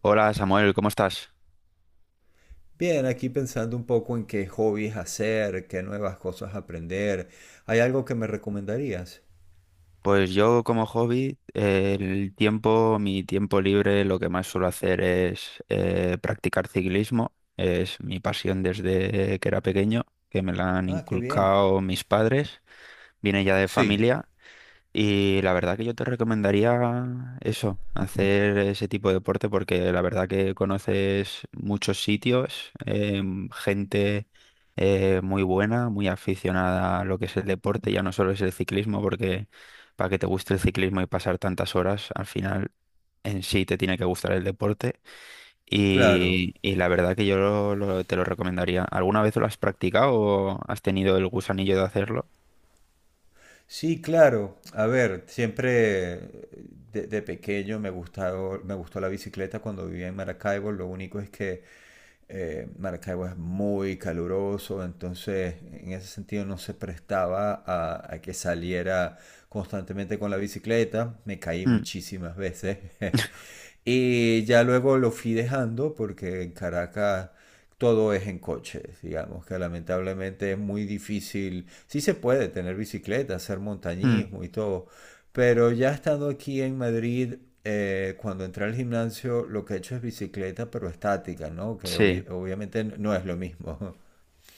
Hola Samuel, ¿cómo estás? Bien, aquí pensando un poco en qué hobbies hacer, qué nuevas cosas aprender. ¿Hay algo que me recomendarías? Pues yo como hobby, el tiempo, mi tiempo libre, lo que más suelo hacer es practicar ciclismo. Es mi pasión desde que era pequeño, que me la han Ah, qué bien. inculcado mis padres. Viene ya de Sí, familia. Y la verdad que yo te recomendaría eso, hacer ese tipo de deporte porque la verdad que conoces muchos sitios, gente muy buena, muy aficionada a lo que es el deporte, ya no solo es el ciclismo, porque para que te guste el ciclismo y pasar tantas horas, al final en sí te tiene que gustar el deporte. claro. Y la verdad que yo te lo recomendaría. ¿Alguna vez lo has practicado o has tenido el gusanillo de hacerlo? Sí, claro. A ver, siempre de pequeño me gustado, me gustó la bicicleta cuando vivía en Maracaibo. Lo único es que Maracaibo es muy caluroso, entonces en ese sentido no se prestaba a que saliera constantemente con la bicicleta. Me caí Mm, muchísimas veces. Y ya luego lo fui dejando porque en Caracas todo es en coches, digamos, que lamentablemente es muy difícil. Sí se puede tener bicicleta, hacer mm, montañismo y todo, pero ya estando aquí en Madrid, cuando entré al gimnasio, lo que he hecho es bicicleta, pero estática, ¿no? Que sí. Obviamente no es lo mismo.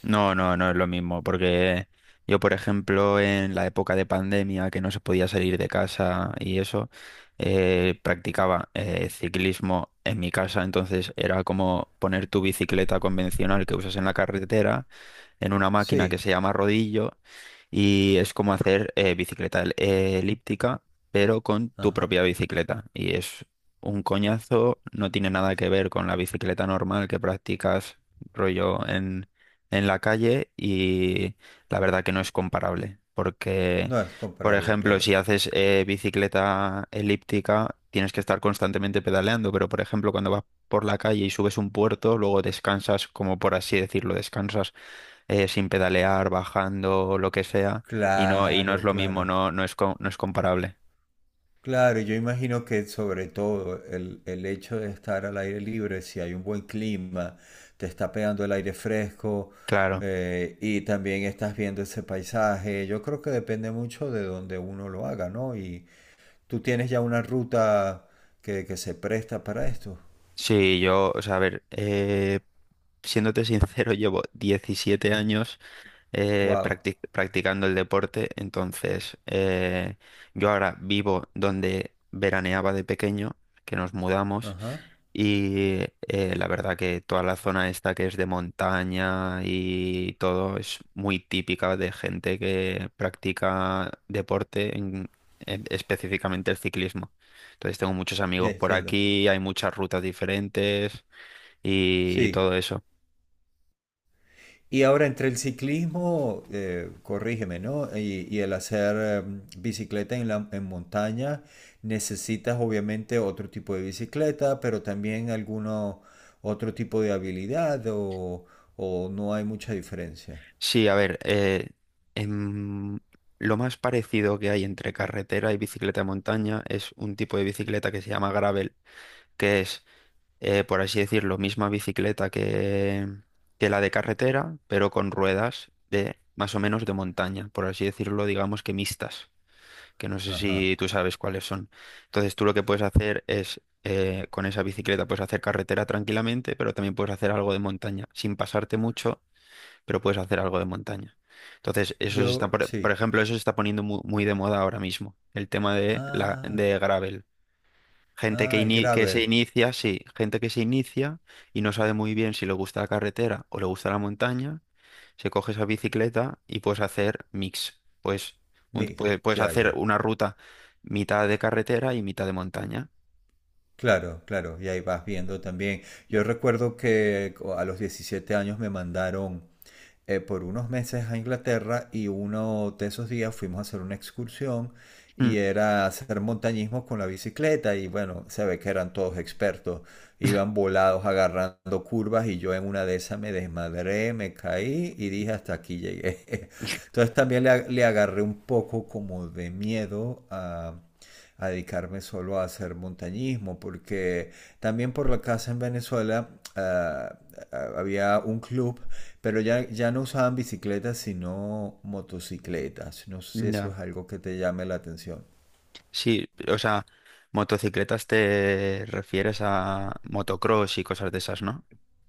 No, no, no es lo mismo, porque yo, por ejemplo, en la época de pandemia, que no se podía salir de casa y eso, practicaba ciclismo en mi casa, entonces era como poner tu bicicleta convencional que usas en la carretera en una máquina que Sí, se llama rodillo y es como hacer bicicleta elíptica, pero con tu ajá. propia bicicleta. Y es un coñazo, no tiene nada que ver con la bicicleta normal que practicas rollo en la calle y la verdad que no es comparable, porque, No es por comparable, ejemplo, claro. si haces bicicleta elíptica, tienes que estar constantemente pedaleando, pero, por ejemplo, cuando vas por la calle y subes un puerto, luego descansas, como por así decirlo, descansas sin pedalear, bajando, lo que sea, y no es Claro, lo mismo, claro. no, no es, no es comparable. Claro, yo imagino que sobre todo el hecho de estar al aire libre, si hay un buen clima, te está pegando el aire fresco Claro. Y también estás viendo ese paisaje. Yo creo que depende mucho de donde uno lo haga, ¿no? Y tú tienes ya una ruta que se presta para esto. Sí, yo, o sea, a ver, siéndote sincero, llevo 17 años Wow. Practicando el deporte. Entonces, yo ahora vivo donde veraneaba de pequeño, que nos mudamos. Ajá. Y la verdad que toda la zona esta que es de montaña y todo es muy típica de gente que practica deporte, específicamente el ciclismo. Entonces tengo muchos Ya amigos por entiendo. aquí, hay muchas rutas diferentes y Sí. todo eso. Y ahora entre el ciclismo, corrígeme, ¿no? Y el hacer bicicleta en en montaña, necesitas obviamente otro tipo de bicicleta, pero también alguno otro tipo de habilidad o no hay mucha diferencia. Sí, a ver, em, lo más parecido que hay entre carretera y bicicleta de montaña es un tipo de bicicleta que se llama gravel, que es, por así decirlo, misma bicicleta que la de carretera, pero con ruedas de más o menos de montaña, por así decirlo, digamos que mixtas, que no sé si Ajá. tú sabes cuáles son. Entonces tú lo que puedes hacer es, con esa bicicleta puedes hacer carretera tranquilamente, pero también puedes hacer algo de montaña, sin pasarte mucho, pero puedes hacer algo de montaña. Entonces, eso se está, Yo, por sí. ejemplo, eso se está poniendo muy de moda ahora mismo, el tema de la Ah, de gravel. Gente que, ah, el que se gravel. inicia, sí, gente que se inicia y no sabe muy bien si le gusta la carretera o le gusta la montaña, se coge esa bicicleta y puedes hacer mix. Pues puedes, Mix, puedes ya, hacer ya. una ruta mitad de carretera y mitad de montaña. Claro, claro, y ahí vas viendo también. Yo recuerdo que a los 17 años me mandaron por unos meses a Inglaterra y uno de esos días fuimos a hacer una excursión Mm. y era hacer montañismo con la bicicleta y bueno, se ve que eran todos expertos, iban volados agarrando curvas y yo en una de esas me desmadré, me caí y dije hasta aquí llegué. Entonces también le agarré un poco como de miedo a dedicarme solo a hacer montañismo, porque también por la casa en Venezuela había un club pero ya no usaban bicicletas, sino motocicletas. No sé si eso Ya. es algo que te llame la atención. Sí, o sea, motocicletas te refieres a motocross y cosas de esas, ¿no?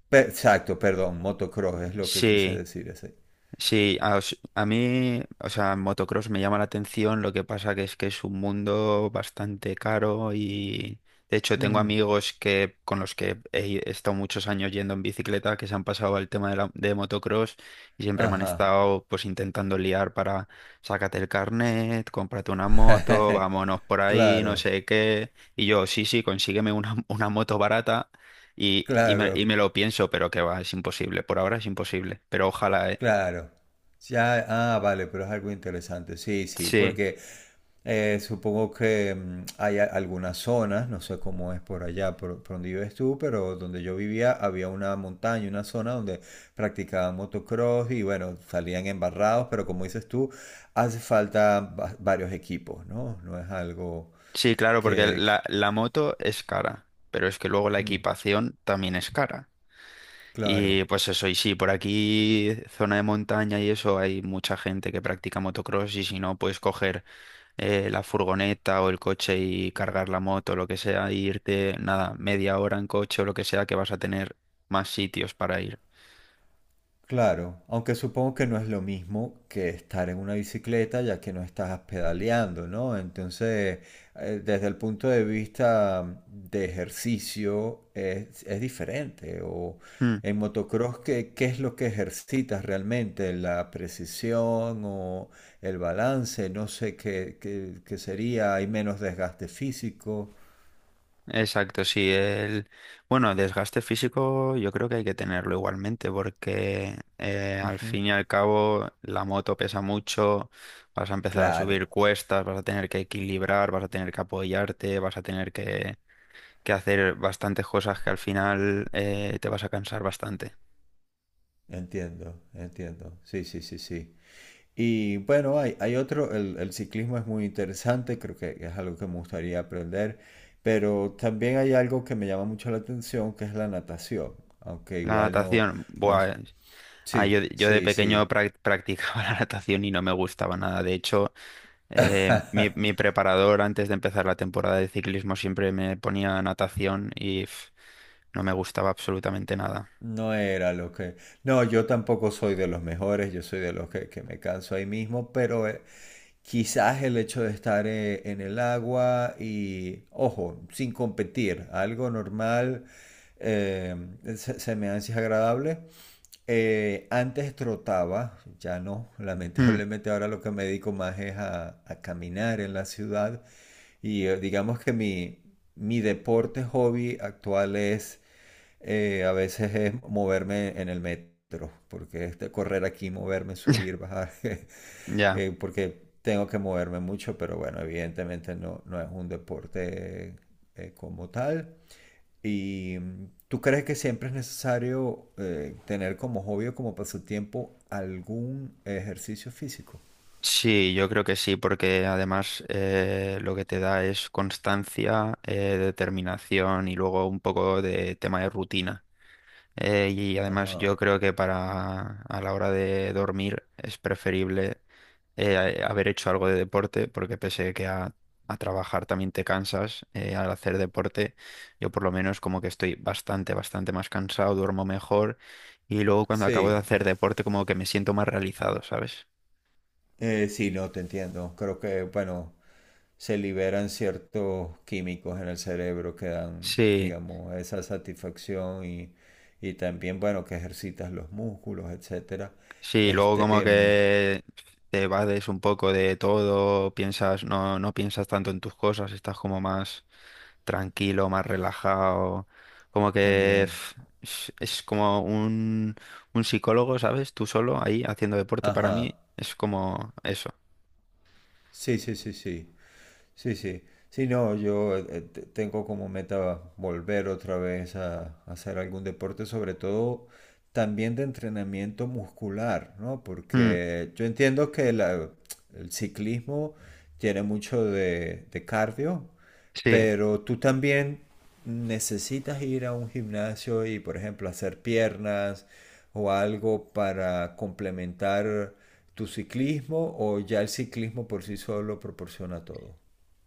Exacto, perdón, motocross es lo que quise Sí. decir ese. Sí, a mí, o sea, motocross me llama la atención, lo que pasa que es un mundo bastante caro y de hecho tengo Mm, amigos que con los que he estado muchos años yendo en bicicleta que se han pasado al tema de, la, de motocross y siempre me han ajá. estado pues intentando liar para sácate el carnet, cómprate una moto, vámonos por ahí, no Claro, sé qué. Y yo, sí, sí, consígueme una, una moto barata. Y claro. me lo pienso, pero que va, es imposible. Por ahora es imposible. Pero ojalá, ¿eh? Claro. Ya, ah, ah, vale, pero es algo interesante. Sí, sí, Sí, porque supongo que hay algunas zonas, no sé cómo es por allá, por donde vives tú, pero donde yo vivía había una montaña, una zona donde practicaban motocross y bueno, salían embarrados, pero como dices tú, hace falta varios equipos, ¿no? No es algo sí, claro, porque la, que- la moto es cara, pero es que luego la mm, equipación también es cara. claro. Y pues eso, y sí, por aquí, zona de montaña y eso, hay mucha gente que practica motocross y si no, puedes coger la furgoneta o el coche y cargar la moto, lo que sea, e irte, nada, media hora en coche o lo que sea, que vas a tener más sitios para ir. Claro, aunque supongo que no es lo mismo que estar en una bicicleta ya que no estás pedaleando, ¿no? Entonces, desde el punto de vista de ejercicio es diferente. O en motocross, ¿qué, qué es lo que ejercitas realmente? ¿La precisión o el balance? No sé qué, qué sería. Hay menos desgaste físico. Exacto, sí. El... Bueno, desgaste físico yo creo que hay que tenerlo igualmente porque al Ujú. fin y al cabo la moto pesa mucho, vas a empezar a Claro, subir cuestas, vas a tener que equilibrar, vas a tener que apoyarte, vas a tener que hacer bastantes cosas que al final te vas a cansar bastante. entiendo, entiendo. Sí, sí, sí, sí. Y bueno, hay otro, el ciclismo es muy interesante, creo que es algo que me gustaría aprender, pero también hay algo que me llama mucho la atención, que es la natación, aunque La igual no, natación, no, buah, yo, sí, yo de sí, pequeño sí, practicaba la natación y no me gustaba nada. De hecho... mi, mi preparador antes de empezar la temporada de ciclismo siempre me ponía natación y pf, no me gustaba absolutamente nada. no era lo que, no, yo tampoco soy de los mejores, yo soy de los que me canso ahí mismo, pero quizás el hecho de estar en el agua y, ojo, sin competir, algo normal, eh, se, se me hace agradable. Antes trotaba, ya no, Hmm, lamentablemente ahora lo que me dedico más es a caminar en la ciudad y digamos que mi deporte hobby actual es a veces es moverme en el metro, porque es de correr aquí, moverme, subir, bajar, ya. Porque tengo que moverme mucho, pero bueno, evidentemente no, no es un deporte como tal. ¿Y tú crees que siempre es necesario tener como hobby o como pasatiempo algún ejercicio físico? Sí, yo creo que sí, porque además lo que te da es constancia, determinación y luego un poco de tema de rutina. Y además Ajá. yo creo que para a la hora de dormir es preferible haber hecho algo de deporte, porque pese que a trabajar también te cansas, al hacer deporte yo por lo menos como que estoy bastante, bastante más cansado, duermo mejor y luego cuando acabo de Sí, hacer deporte como que me siento más realizado, ¿sabes? Sí, no, te entiendo. Creo que, bueno, se liberan ciertos químicos en el cerebro que dan, Sí. digamos, esa satisfacción y también, bueno, que ejercitas los músculos, etcétera. Sí, luego Este, como em, que te vades un poco de todo, piensas, no, no piensas tanto en tus cosas, estás como más tranquilo, más relajado, como que también. Es como un psicólogo, ¿sabes? Tú solo ahí haciendo deporte para Ajá. mí es como eso. Sí, sí, sí, sí. Sí, sí. Sí, no, yo tengo como meta volver otra vez a hacer algún deporte, sobre todo también de entrenamiento muscular, ¿no? Mm, Porque yo entiendo que el ciclismo tiene mucho de cardio, sí. pero tú también necesitas ir a un gimnasio y, por ejemplo, hacer piernas o algo para complementar tu ciclismo, o ya el ciclismo por sí solo proporciona todo.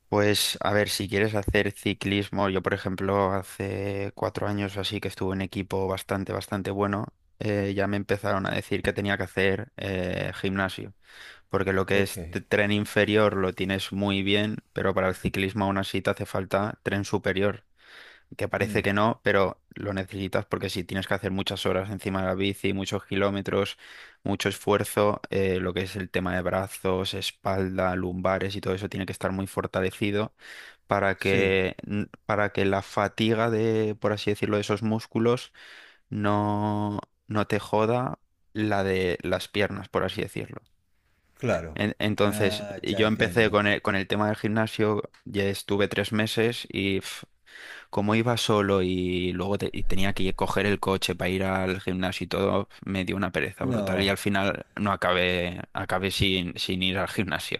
Pues a ver, si quieres hacer ciclismo, yo por ejemplo hace 4 años o así que estuve en equipo bastante, bastante bueno, ya me empezaron a decir que tenía que hacer gimnasio, porque lo que Ok. es tren inferior lo tienes muy bien, pero para el ciclismo aún así te hace falta tren superior, que parece Mm. que no, pero lo necesitas porque si tienes que hacer muchas horas encima de la bici, muchos kilómetros, mucho esfuerzo, lo que es el tema de brazos, espalda, lumbares y todo eso tiene que estar muy fortalecido para Sí, que, para que la fatiga de, por así decirlo, de esos músculos no, no te joda la de las piernas, por así decirlo. claro. Entonces, Ah, ya yo empecé entiendo. Con el tema del gimnasio, ya estuve 3 meses y pf, como iba solo y luego y tenía que coger el coche para ir al gimnasio y todo, me dio una pereza brutal y No. al final no acabé, acabé sin, sin ir al gimnasio.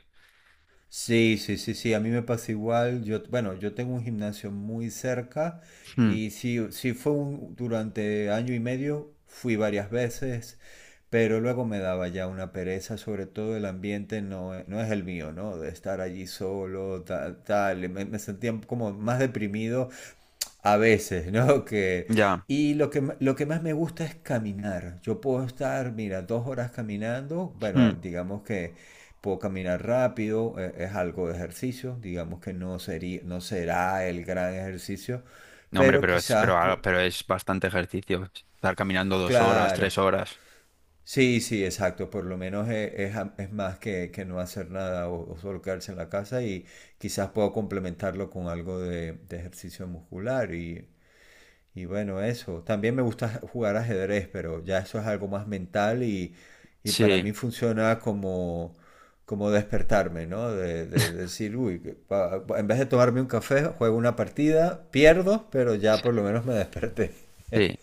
Sí, sí, sí, sí, a mí me pasa igual. Yo, bueno, yo tengo un gimnasio muy cerca Hmm, y sí, sí fue un, durante año y medio, fui varias veces, pero luego me daba ya una pereza, sobre todo el ambiente no, no es el mío, ¿no? De estar allí solo, tal, tal, y me sentía como más deprimido a veces, ¿no? Que, ya. y lo que, lo que más me gusta es caminar. Yo puedo estar, mira, 2 horas caminando. Bueno, digamos que puedo caminar rápido, es algo de ejercicio. Digamos que no sería, no será el gran ejercicio, No, hombre, pero pero es, quizás, pero, ah, pero es bastante ejercicio. Estar caminando 2 horas, claro. 3 horas. Sí, sí, exacto. Por lo menos es, es más que no hacer nada o, o solo quedarse en la casa y quizás puedo complementarlo con algo de ejercicio muscular. Y y bueno, eso. También me gusta jugar ajedrez, pero ya eso es algo más mental y para mí Sí, funciona como, como despertarme, ¿no? De decir, uy, que en vez de tomarme un café, juego una partida, pierdo, pero ya por lo menos me desperté. sí.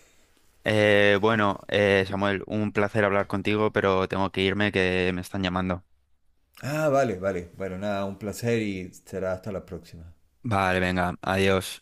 Bueno, Samuel, un placer hablar contigo, pero tengo que irme que me están llamando. Ah, vale, vale. Bueno, nada, un placer y será hasta la próxima. Vale, venga, adiós.